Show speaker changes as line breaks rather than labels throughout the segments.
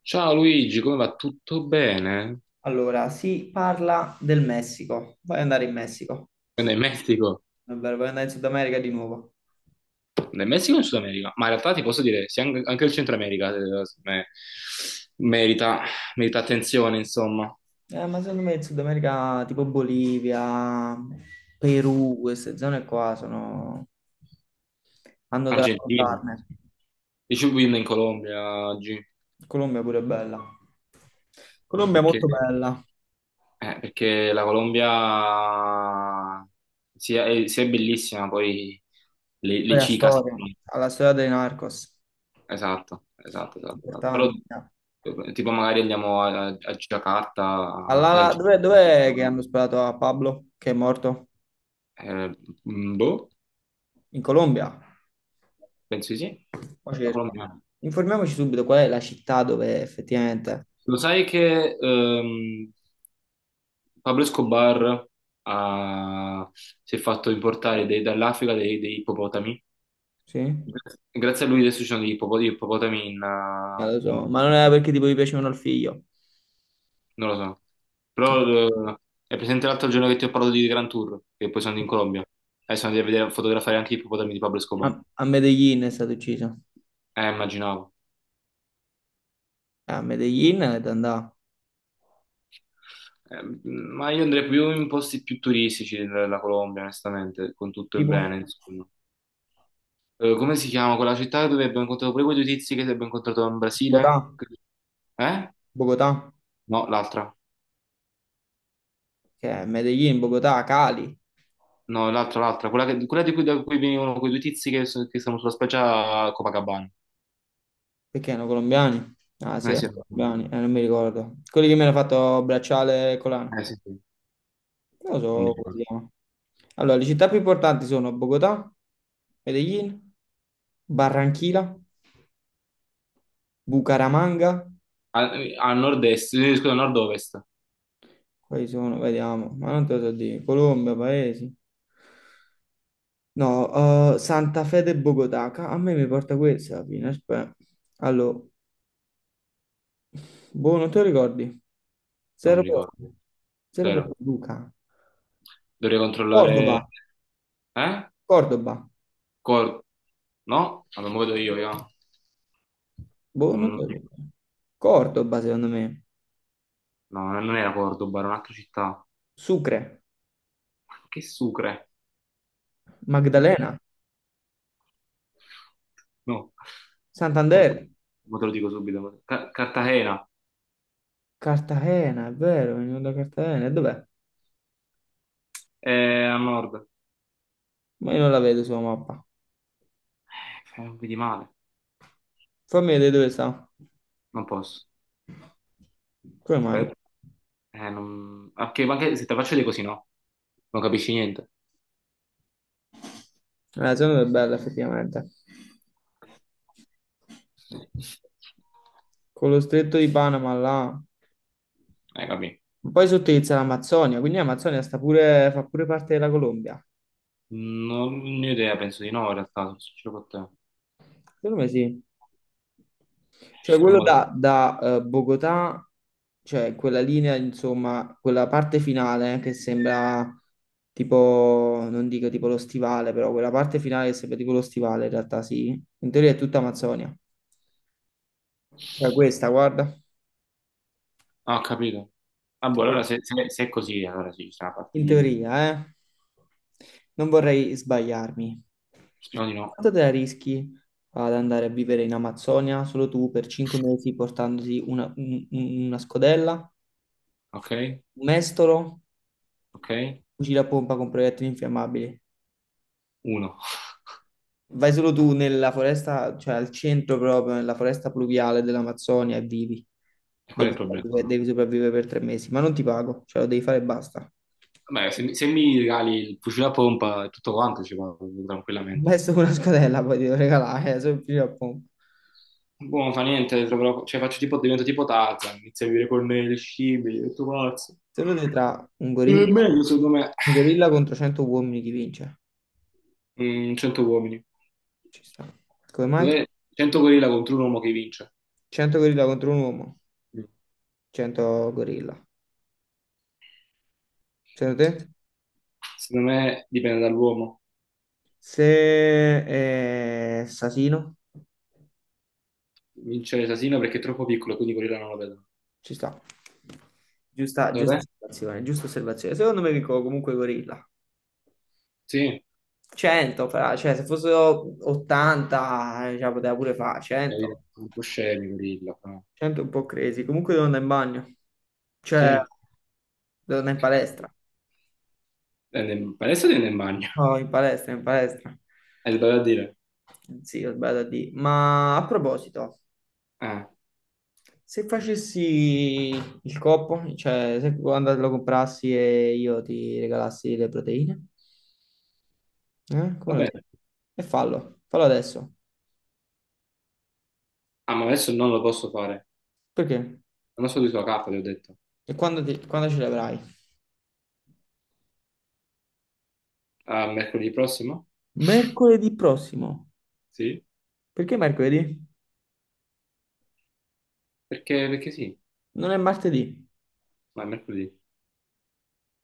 Ciao Luigi, come va? Tutto bene?
Allora, si parla del Messico. Vuoi andare in Messico?
Quindi in Messico?
È vero, vuoi andare in Sud America di nuovo?
Nel Messico o in Sud America? Ma in realtà ti posso dire, sì, anche il Centro America secondo me, merita, merita attenzione, insomma.
Ma secondo me in Sud America, tipo Bolivia, Perù, queste zone qua hanno da
Argentina.
raccontarne.
Dicevo win in Colombia oggi,
Colombia pure è bella. Colombia è
perché,
molto bella.
perché la Colombia sia è bellissima, poi le
Poi la
chicas.
storia. Ha la storia dei Narcos.
Esatto, esatto, esatto, esatto. Però
Importante.
tipo magari andiamo a Giacarta,
Allala, dov'è che hanno sparato a Pablo, che è morto?
eh, boh,
In Colombia?
penso di sì.
Mo
La
cerco.
Colombia.
Informiamoci subito qual è la città dove effettivamente.
Lo sai che Pablo Escobar ha- si è fatto importare dall'Africa dei ippopotami?
Sì?
Grazie a lui adesso ci sono gli ippopotami in,
Lo
in
so, ma non era perché tipo gli piacevano il figlio.
non lo so. Però è presente l'altro giorno che ti ho parlato di Gran Tour, che poi sono andato in Colombia. E sono andato a vedere, a fotografare anche i ippopotami di Pablo Escobar.
A, a Medellin è stato ucciso.
Immaginavo.
A Medellin è da andare.
Ma io andrei più in posti più turistici della Colombia, onestamente, con tutto il
Tipo?
bene, insomma. Come si chiama quella città dove abbiamo incontrato poi quei due tizi che abbiamo incontrato in
Bogotà.
Brasile? Eh?
Bogotà.
No, l'altra.
Che è Medellin, Bogotà, Cali.
No, l'altra, l'altra. Quella, quella di cui, da cui venivano quei due tizi che sono sulla spiaggia a Copacabana.
Perché erano colombiani? Ah sì,
Eh sì,
erano colombiani, non mi ricordo. Quelli che mi hanno fatto bracciale e collana.
sì,
Non lo so come
sì.
si chiama. Allora, le città più importanti sono Bogotà, Medellin, Barranquilla. Bucaramanga?
A, a nord-est, scusa, nord-ovest,
Quali sono? Vediamo. Ma non te lo so dire. Colombia, Paesi. No, Santa Fede e Bogotà. A me mi porta questa alla fine. Aspetta. Allora, boh, non te lo ricordi?
non
Zero
mi ricordo,
proprio. Zero
zero.
proprio, Luca.
Dovrei controllare...
Cordoba.
Eh?
Cordoba.
Cor- no? Allora, me lo vedo io.
Boh, non
Mm,
te lo ricordi. Cordoba, secondo me.
no, non era Cordoba, era un'altra città. Ma
Sucre.
che sucre! Che-
Magdalena.
No, mo
Santander.
mo te lo dico subito. Cartagena,
Cartagena, è vero, venivo da Cartagena. E dov'è?
è a nord.
Ma io non la vedo sulla mappa.
Non vedi male,
Fammi vedere dove sta.
non posso.
Come mai?
Aspetta. Non... ma anche se te faccio dei così, no? Non capisci niente.
La zona è bella effettivamente. Con lo stretto di Panama là.
Capì.
Ma poi sottilizza l'Amazzonia, quindi l'Amazzonia sta pure, fa pure parte della Colombia.
Non ne ho idea, penso di no, in realtà, sono sincero con te.
Secondo me sì.
Ci
Cioè
sono
quello
modi-
da Bogotà, cioè quella linea, insomma, quella parte finale che sembra tipo, non dico tipo lo stivale, però quella parte finale che sembra tipo lo stivale, in realtà sì. In teoria è tutta Amazzonia. Cioè questa, guarda.
Ah, ho capito. Ah, boh, allora se è così, allora sì, ci sarà la parte
In
di...
teoria, eh? Non vorrei sbagliarmi.
Speriamo di no.
Quanto te la rischi ad andare a vivere in Amazzonia solo tu per 5 mesi portandoti una scodella,
Ok?
un mestolo,
Ok?
fucile a pompa con proiettili infiammabili?
Uno.
Vai solo tu nella foresta, cioè al centro proprio, nella foresta pluviale dell'Amazzonia e vivi.
E qual è il problema?
Devi sopravvivere per 3 mesi, ma non ti pago, cioè lo devi fare e basta.
Beh, se mi regali il fucile a pompa e tutto quanto ci vado
Un
tranquillamente.
Messo con una scodella poi ti devo regalare, solo il fucile a pompa.
Boh, non fa niente, cioè faccio tipo, divento tipo Tarzan, inizio a vivere con me le scimmie, tutto pazzo.
Se lo vedi tra un
È
gorilla,
meglio, secondo me,
un gorilla contro 100 uomini, chi vince?
mm, 100 uomini.
Ci sta. Come mai?
Cos'è? 100 gorilla contro un uomo che vince.
100 gorilla contro un uomo,
Mm.
100 gorilla. Secondo te?
Secondo me dipende dall'uomo.
Se è assassino,
Vince l'asino perché è troppo piccolo, quindi gorilla non lo vedono.
ci sta. Giusta,
Secondo
giusta
te?
osservazione, giusta osservazione. Secondo me vinco comunque i gorilla.
Sì.
100, cioè se fossero 80, cioè, poteva pure fare
Capito?
100.
Un po' scemi, gorilla. Però.
100 è un po' crazy. Comunque devo andare in bagno, cioè
Sì.
devo andare in palestra.
Adesso tende in bagno.
No, in palestra, in palestra.
Hai sbagliato a dire.
Sì, bella di. Ma a proposito,
Ah,
se facessi il coppo, cioè se quando lo comprassi e io ti regalassi le proteine, eh?
va
Come lo vedi?
bene.
E fallo, fallo adesso.
Ah, ma adesso non lo posso fare.
Perché?
Non so di sua caffa, ti ho detto.
E quando ce le avrai?
Ah, mercoledì prossimo?
Mercoledì prossimo.
Sì.
Perché mercoledì?
Perché sì?
Non è martedì,
Ma è mercoledì.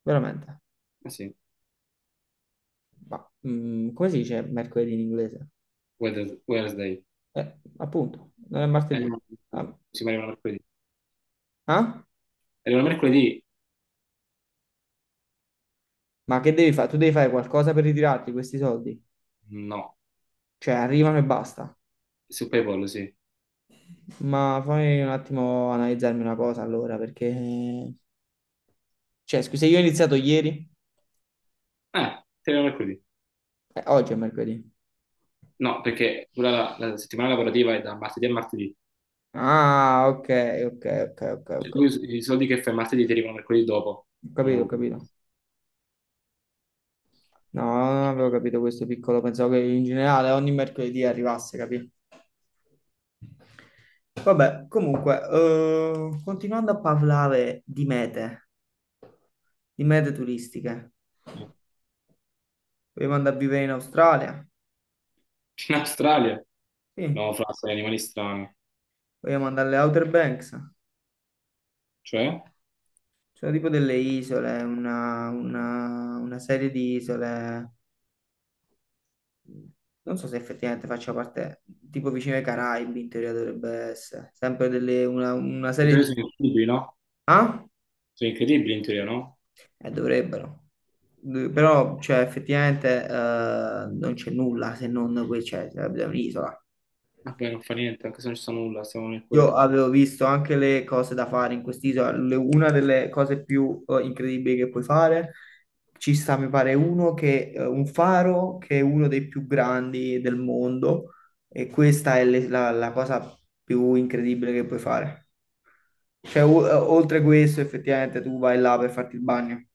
veramente.
Eh sì.
Ma, come si dice mercoledì in inglese?
Wednesday.
Appunto, non è martedì.
No.
Ah,
Sì, ma arriva mercoledì.
ah?
Arriva mercoledì?
Ma che devi fare? Tu devi fare qualcosa per ritirarti questi soldi?
No.
Cioè, arrivano e basta.
Su PayPal, sì.
Ma fammi un attimo analizzarmi una cosa allora, perché. Cioè, scusa, io ho iniziato ieri?
Ah, ti arriva mercoledì.
Oggi è mercoledì.
No, perché la, la settimana lavorativa è da martedì a martedì.
Ah, ok, ok, ok, ok,
Cioè,
ok.
tu i soldi che fai martedì ti arrivano mercoledì dopo.
Ho capito, ho
No.
capito. No, non avevo capito questo piccolo, pensavo che in generale ogni mercoledì arrivasse, capito? Vabbè, comunque, continuando a parlare di mete, turistiche, vogliamo andare a vivere in Australia?
In Australia? No,
Sì,
fra, sono animali strani.
vogliamo andare alle Outer Banks?
Cioè? In
Sono tipo delle isole, una serie di isole. Non so se effettivamente faccia parte, tipo vicino ai Caraibi, in teoria dovrebbe essere. Sempre delle, una serie
teoria
di.
sono incredibili, no?
Ah?
Sono incredibili in teoria, no?
Dovrebbero. Però, cioè, effettivamente non c'è nulla se non qui c'è, sarebbe un'isola.
Vabbè, non fa niente, anche se non ci sta nulla, stiamo nel
Io
quieto.
avevo visto anche le cose da fare in quest'isola, una delle cose più incredibili che puoi fare, ci sta, mi pare, un faro che è uno dei più grandi del mondo e questa è la cosa più incredibile che puoi fare. Cioè, oltre questo, effettivamente tu vai là per farti il bagno.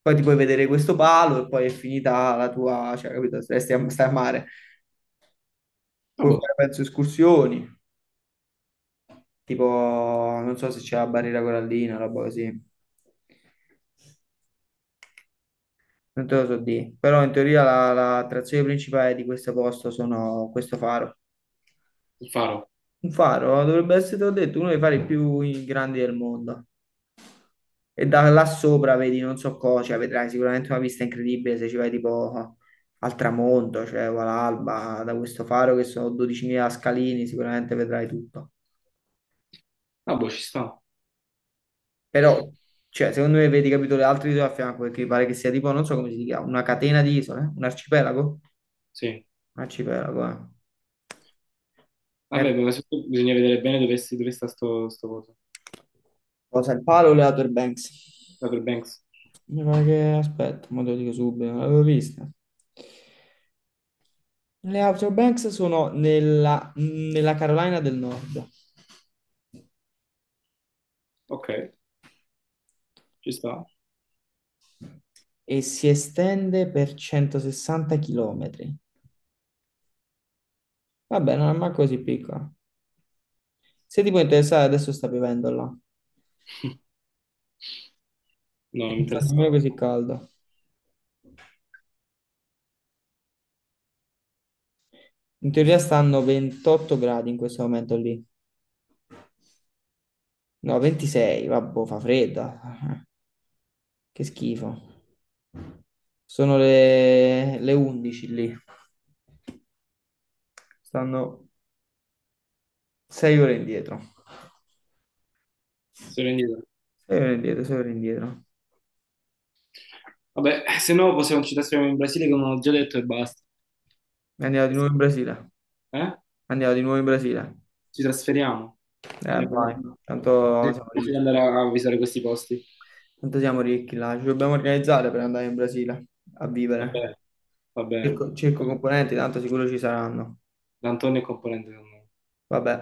Poi ti puoi vedere questo palo e poi è finita la tua, cioè, capito, stai a mare.
Ah,
Puoi
boh,
fare, penso, escursioni. Tipo, non so se c'è la barriera corallina, roba così. Non te lo so dire. Però in teoria la attrazione principale di questo posto sono questo faro.
il faro.
Un faro dovrebbe essere, te l'ho detto, uno dei fari più grandi del mondo. E da là sopra vedi non so cosa, cioè vedrai sicuramente una vista incredibile se ci vai tipo al tramonto, cioè o all'alba, da questo faro che sono 12.000 scalini, sicuramente vedrai tutto.
Ah, boh, ci sta.
Però, cioè, secondo me vedi, capito, le altre isole a fianco, perché mi pare che sia tipo, non so come si chiama, una catena di isole, un arcipelago?
Sì.
Un arcipelago, eh. Eh,
Vabbè, ma soprattutto bisogna vedere bene dove sta sto coso.
cosa, il palo o le Outer Banks?
Outer Banks.
Mi pare che, aspetta, mo te lo dico subito, non l'avevo vista. Le Outer Banks sono nella Carolina del Nord
Ok, ci sta.
e si estende per 160 km. Vabbè, non è mai così piccola. Se ti può interessare, adesso sta piovendo là.
No,
E
non mi
non fa nemmeno
interessava.
così caldo. In teoria stanno 28 gradi in questo momento lì. No, 26, vabbè, fa fredda. Che schifo. Sono le 11 lì. Stanno 6 ore indietro.
Sono indietro.
6 ore indietro, 6 ore indietro.
Vabbè, se no possiamo, ci trasferiamo in Brasile, come ho già detto, e basta.
E andiamo di
Eh?
nuovo
Sì.
in Brasile.
Eh?
Andiamo di nuovo in Brasile.
Ci trasferiamo. Ci andiamo a
Vai. Tanto siamo
vedere- di
ricchi.
andare a visitare questi posti.
Tanto siamo ricchi là. Ci dobbiamo organizzare per andare in Brasile a
Va
vivere.
bene, Va bene.
Cerco, cerco componenti, tanto sicuro ci saranno.
D'Antonio è componente del mondo.
Vabbè.